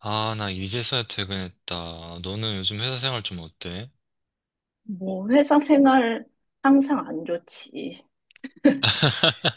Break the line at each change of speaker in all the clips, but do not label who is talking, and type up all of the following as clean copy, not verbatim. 아, 나 이제서야 퇴근했다. 너는 요즘 회사 생활 좀 어때?
뭐, 회사 생활 항상 안 좋지.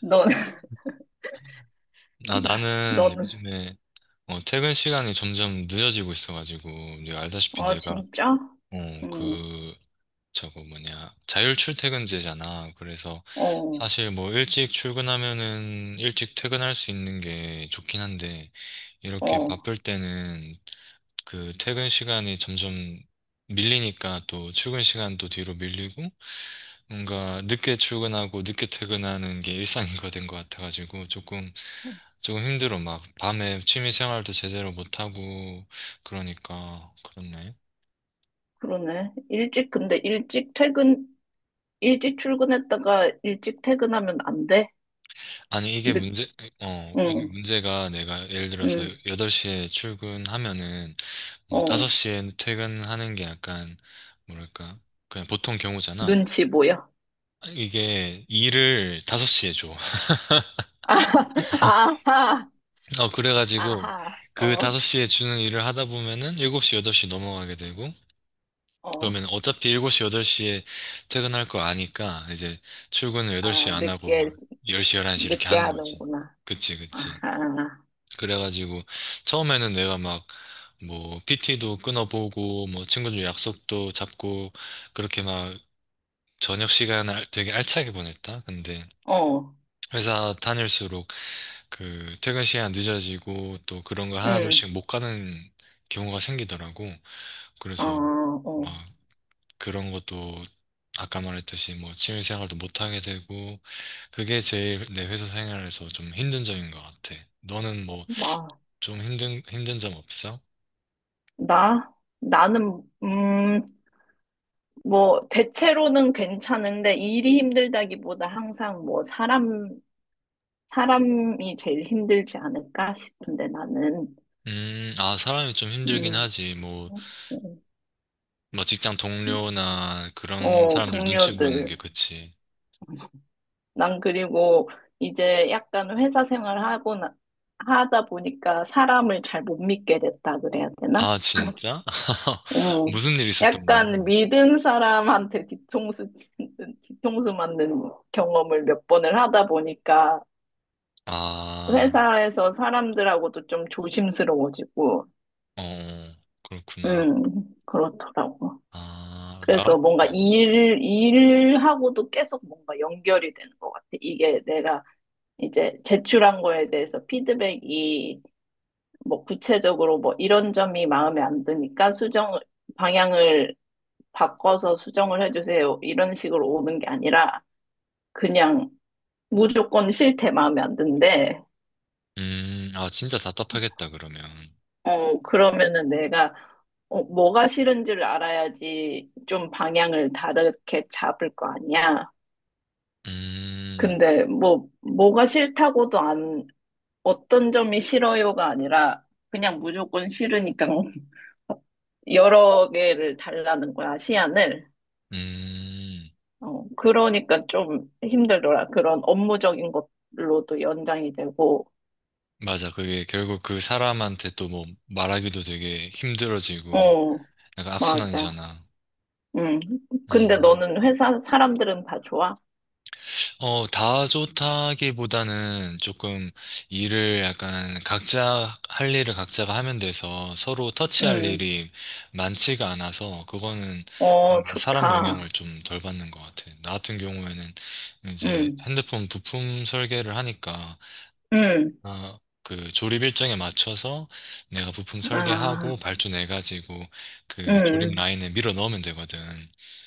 너는,
아, 나는
너는,
요즘에 퇴근 시간이 점점 늦어지고 있어가지고, 네가 알다시피
아,
내가,
진짜?
어,
응,
그, 저거 뭐냐, 자율 출퇴근제잖아. 그래서
어,
사실 뭐 일찍 출근하면은 일찍 퇴근할 수 있는 게 좋긴 한데, 이렇게
어,
바쁠 때는 그 퇴근 시간이 점점 밀리니까 또 출근 시간도 뒤로 밀리고, 뭔가 늦게 출근하고 늦게 퇴근하는 게 일상거된 것 같아가지고 조금 힘들어. 막 밤에 취미 생활도 제대로 못하고, 그러니까 그렇네.
그러네. 근데 일찍 출근했다가 일찍 퇴근하면 안 돼?
아니,
늦,
이게
응,
문제가, 내가 예를 들어서
응,
8시에 출근하면은 뭐
어,
5시에 퇴근하는 게 약간 뭐랄까 그냥 보통 경우잖아.
눈치 보여.
이게 일을 5시에 줘.
아, 아하,
그래가지고,
아하,
그
어,
5시에 주는 일을 하다 보면은 7시 8시 넘어가게 되고,
어,
그러면 어차피 7시, 8시에 퇴근할 거 아니까 이제 출근을 8시
아,
안 하고
늦게,
막 10시, 11시 이렇게
늦게
하는 거지.
하는구나.
그치, 그치.
아하,
그래가지고 처음에는 내가 막 뭐 PT도 끊어보고 뭐 친구들 약속도 잡고, 그렇게 막 저녁 시간을 되게 알차게 보냈다. 근데
어,
회사 다닐수록 그 퇴근 시간 늦어지고 또 그런 거
응,
하나둘씩 못 가는 경우가 생기더라고.
어,
그래서
어.
막 그런 것도 아까 말했듯이 뭐 취미 생활도 못 하게 되고. 그게 제일 내 회사 생활에서 좀 힘든 점인 것 같아. 너는 뭐
마,
좀 힘든 점 없어?
나? 나는, 뭐, 대체로는 괜찮은데, 일이 힘들다기보다 항상 뭐, 사람이 제일 힘들지 않을까 싶은데, 나는,
아, 사람이 좀 힘들긴
음,
하지. 뭐 직장 동료나 그런
어,
사람들 눈치 보는 게,
동료들.
그치.
난 그리고 이제 약간 회사 생활하고, 하다 보니까 사람을 잘 못 믿게 됐다 그래야 되나?
아, 진짜?
음,
무슨 일 있었던 거야?
약간 믿은 사람한테 뒤통수 맞는 경험을 몇 번을 하다 보니까
아,
회사에서 사람들하고도 좀 조심스러워지고,
어, 그렇구나.
음, 그렇더라고.
아, 나,
그래서 뭔가
어.
일하고도 계속 뭔가 연결이 되는 것 같아. 이게 내가 이제 제출한 거에 대해서 피드백이 뭐 구체적으로 뭐 이런 점이 마음에 안 드니까 수정 방향을 바꿔서 수정을 해주세요. 이런 식으로 오는 게 아니라 그냥 무조건 싫대 마음에 안 든대.
아, 진짜 답답하겠다, 그러면.
어, 그러면은 내가 뭐가 싫은지를 알아야지 좀 방향을 다르게 잡을 거 아니야.
음.
근데 뭐 뭐가 싫다고도 안 어떤 점이 싫어요가 아니라 그냥 무조건 싫으니까 여러 개를 달라는 거야, 시안을.
음,
어, 그러니까 좀 힘들더라. 그런 업무적인 것로도 연장이 되고,
맞아. 그게 결국 그 사람한테 또 뭐 말하기도 되게 힘들어지고
어,
약간
맞아.
악순환이잖아.
음. 근데
음.
너는 회사 사람들은 다 좋아?
어, 다 좋다기보다는, 조금 일을 약간 각자 할 일을 각자가 하면 돼서 서로 터치할
음.
일이 많지가 않아서 그거는
어,
뭔가 사람 영향을
좋다.
좀 덜 받는 것 같아. 나 같은 경우에는 이제
음.
핸드폰 부품 설계를 하니까,
음.
아, 그 조립 일정에 맞춰서 내가 부품 설계하고
아,
발주 내가지고 그 조립
음.
라인에 밀어 넣으면 되거든.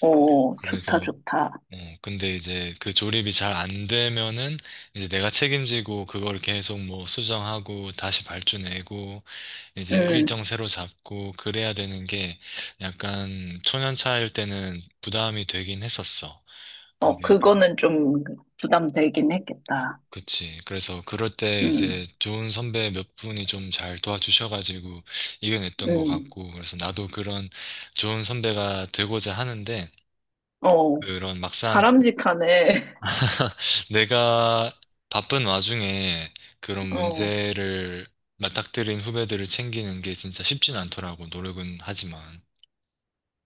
어, 좋다,
그래서
좋다.
근데 이제 그 조립이 잘 안 되면은 이제 내가 책임지고 그걸 계속 뭐 수정하고 다시 발주 내고 이제
음.
일정 새로 잡고 그래야 되는 게, 약간 초년차일 때는 부담이 되긴 했었어.
어,
근데 약간,
그거는 좀 부담되긴 했겠다.
그치. 그래서 그럴 때
음.
이제 좋은 선배 몇 분이 좀 잘 도와주셔가지고 이겨냈던 것
음.
같고, 그래서 나도 그런 좋은 선배가 되고자 하는데,
어,
그런 막상
바람직하네.
내가 바쁜 와중에 그런
어,
문제를 맞닥뜨린 후배들을 챙기는 게 진짜 쉽진 않더라고, 노력은 하지만.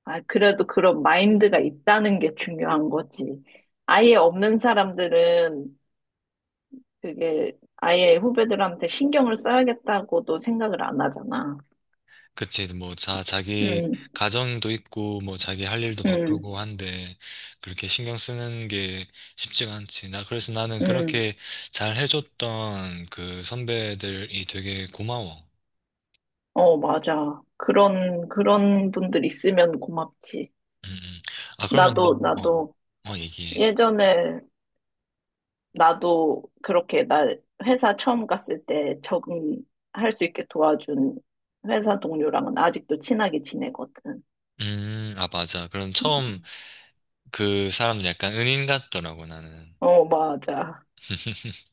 아, 그래도 그런 마인드가 있다는 게 중요한 거지. 아예 없는 사람들은 그게 아예 후배들한테 신경을 써야겠다고도 생각을 안 하잖아.
그치. 뭐, 자기
음,
가정도 있고, 뭐, 자기 할 일도
음,
바쁘고 한데, 그렇게 신경 쓰는 게 쉽지가 않지. 그래서 나는
음.
그렇게 잘 해줬던 그 선배들이 되게 고마워.
어, 맞아. 그런 분들 있으면 고맙지.
음, 음. 아, 그러면
나도,
너,
나도
얘기해.
예전에 나도 그렇게 나 회사 처음 갔을 때 적응할 수 있게 도와준 회사 동료랑은 아직도 친하게 지내거든.
아, 맞아. 그럼 처음 그 사람 약간 은인 같더라고, 나는.
어, 맞아.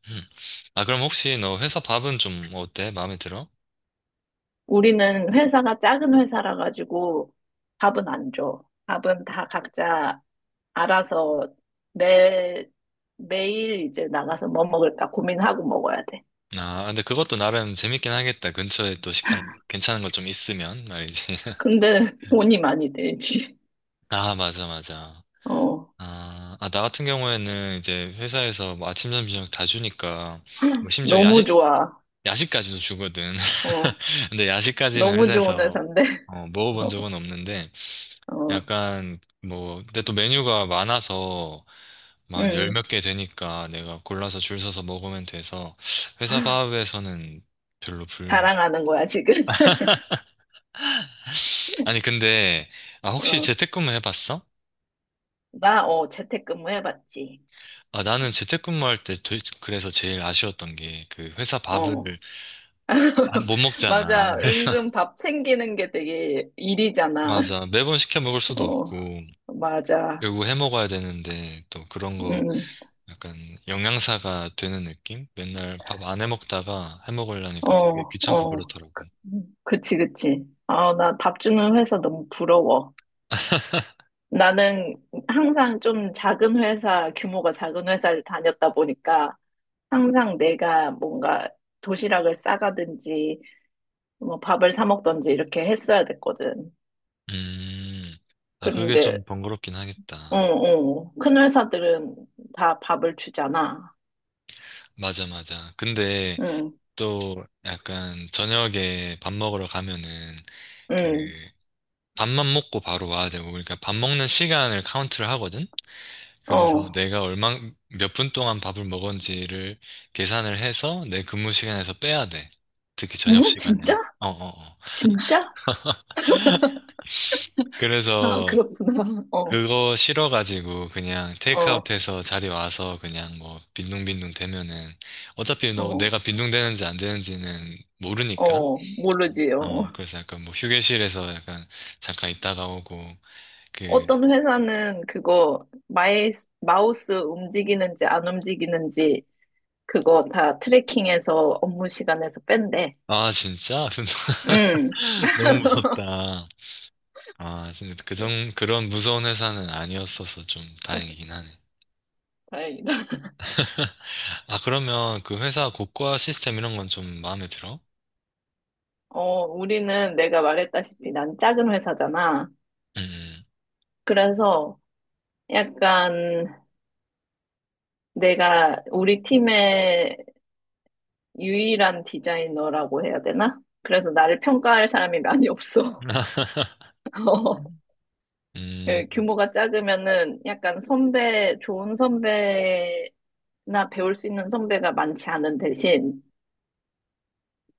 아, 그럼 혹시 너 회사 밥은 좀 어때? 마음에 들어?
우리는 회사가 작은 회사라 가지고 밥은 안 줘. 밥은 다 각자 알아서 매, 매일 이제 나가서 뭐 먹을까 고민하고 먹어야 돼.
아, 근데 그것도 나름 재밌긴 하겠다. 근처에 또 식당 괜찮은 거 좀 있으면 말이지.
근데 돈이 많이 들지.
아, 맞아, 맞아.
어,
아, 아, 나 같은 경우에는 이제 회사에서 뭐 아침, 점심, 저녁 다 주니까 뭐 심지어
너무 좋아.
야식까지도 주거든.
어,
근데 야식까지는
너무 좋은
회사에서
회사인데.
먹어본 적은 없는데,
어,
약간 뭐, 근데 또 메뉴가 많아서 만 열
음,
몇 개 되니까 내가 골라서 줄 서서 먹으면 돼서 회사 밥에서는 별로 불
자랑하는 거야, 지금.
아니, 근데, 아, 혹시
어,
재택근무 해봤어?
재택근무 해봤지.
아, 나는 재택근무 할 때, 그래서 제일 아쉬웠던 게, 회사 밥을
어,
못 먹잖아.
맞아.
그래서
은근 밥 챙기는 게 되게 일이잖아.
맞아. 매번 시켜 먹을 수도
어.
없고,
맞아.
결국 해 먹어야 되는데, 또 그런 거,
음,
약간, 영양사가 되는 느낌? 맨날 밥 안 해 먹다가 해 먹으려니까 되게
어,
귀찮고
어.
그렇더라고.
그치, 그치. 아, 나 밥 주는 회사 너무 부러워. 나는 항상 좀 작은 회사, 규모가 작은 회사를 다녔다 보니까 항상 내가 뭔가 도시락을 싸가든지 뭐 밥을 사 먹든지 이렇게 했어야 됐거든.
음, 아, 그게
그런데,
좀 번거롭긴
어,
하겠다.
어. 큰 회사들은 다 밥을 주잖아.
맞아, 맞아. 근데,
응,
또 약간 저녁에 밥 먹으러 가면은 그
응,
밥만 먹고 바로 와야 되고, 그러니까 밥 먹는 시간을 카운트를 하거든. 그래서
어.
내가 얼마 몇 분 동안 밥을 먹었는지를 계산을 해서 내 근무 시간에서 빼야 돼. 특히 저녁
응?
시간에는.
진짜?
어, 어, 어.
진짜? 아,
그래서
그렇구나. 어,
그거 싫어가지고 그냥
어,
테이크아웃해서 자리 와서 그냥 뭐 빈둥빈둥 대면은 어차피 너
어,
내가 빈둥대는지 안 되는지는 모르니까,
어, 모르지. 어.
그래서 약간 뭐 휴게실에서 약간 잠깐 있다가 오고, 그,
어떤 회사는 그거 마우스 움직이는지 안 움직이는지 그거 다 트래킹해서 업무 시간에서 뺀대.
아, 진짜?
음,
너무 무섭다. 아, 진짜 그런 무서운 회사는 아니었어서 좀 다행이긴 하네.
다행이다.
아, 그러면 그 회사 고과 시스템 이런 건 좀 마음에 들어?
어, 우리는 내가 말했다시피 난 작은 회사잖아.
음,
그래서 약간 내가 우리 팀의 유일한 디자이너라고 해야 되나? 그래서 나를 평가할 사람이 많이 없어.
음, 음,
예, 규모가 작으면은 약간 선배, 좋은 선배나 배울 수 있는 선배가 많지 않은 대신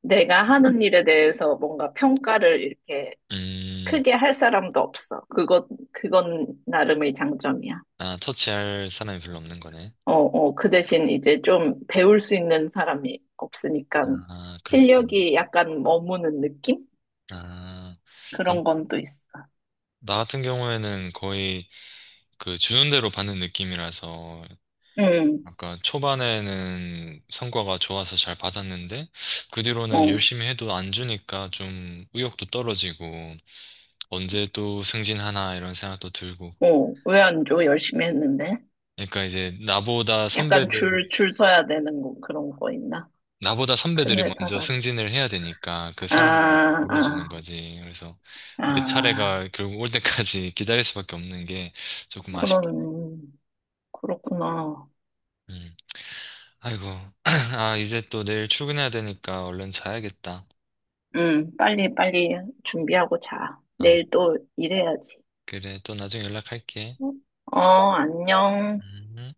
내가 하는 일에 대해서 뭔가 평가를 이렇게
음.
크게 할 사람도 없어. 그건 나름의 장점이야.
아, 터치할 사람이 별로 없는 거네.
어, 어, 그 대신 이제 좀 배울 수 있는 사람이 없으니까
아, 그렇지.
실력이 약간 머무는 느낌?
아, 나,
그런 건 또 있어.
나 같은 경우에는 거의 그 주는 대로 받는 느낌이라서
응,
약간 초반에는 성과가 좋아서 잘 받았는데, 그 뒤로는
어,
열심히 해도 안 주니까 좀 의욕도 떨어지고 언제 또 승진하나 이런 생각도 들고.
어, 왜 안 줘? 열심히 했는데.
그러니까 이제
약간 줄, 줄 서야 되는 거, 그런 거 있나?
나보다
큰
선배들이 먼저
회사라서.
승진을 해야 되니까 그
아,
사람들한테 몰아주는
아,
거지. 그래서 내
아,
차례가 결국 올 때까지 기다릴 수밖에 없는 게 조금 아쉽다.
그런, 그렇구나.
음. 아이고. 아, 이제 또 내일 출근해야 되니까 얼른 자야겠다.
응, 빨리, 빨리 준비하고 자.
아,
내일 또 일해야지.
그래. 또 나중에 연락할게.
어, 안녕.
음.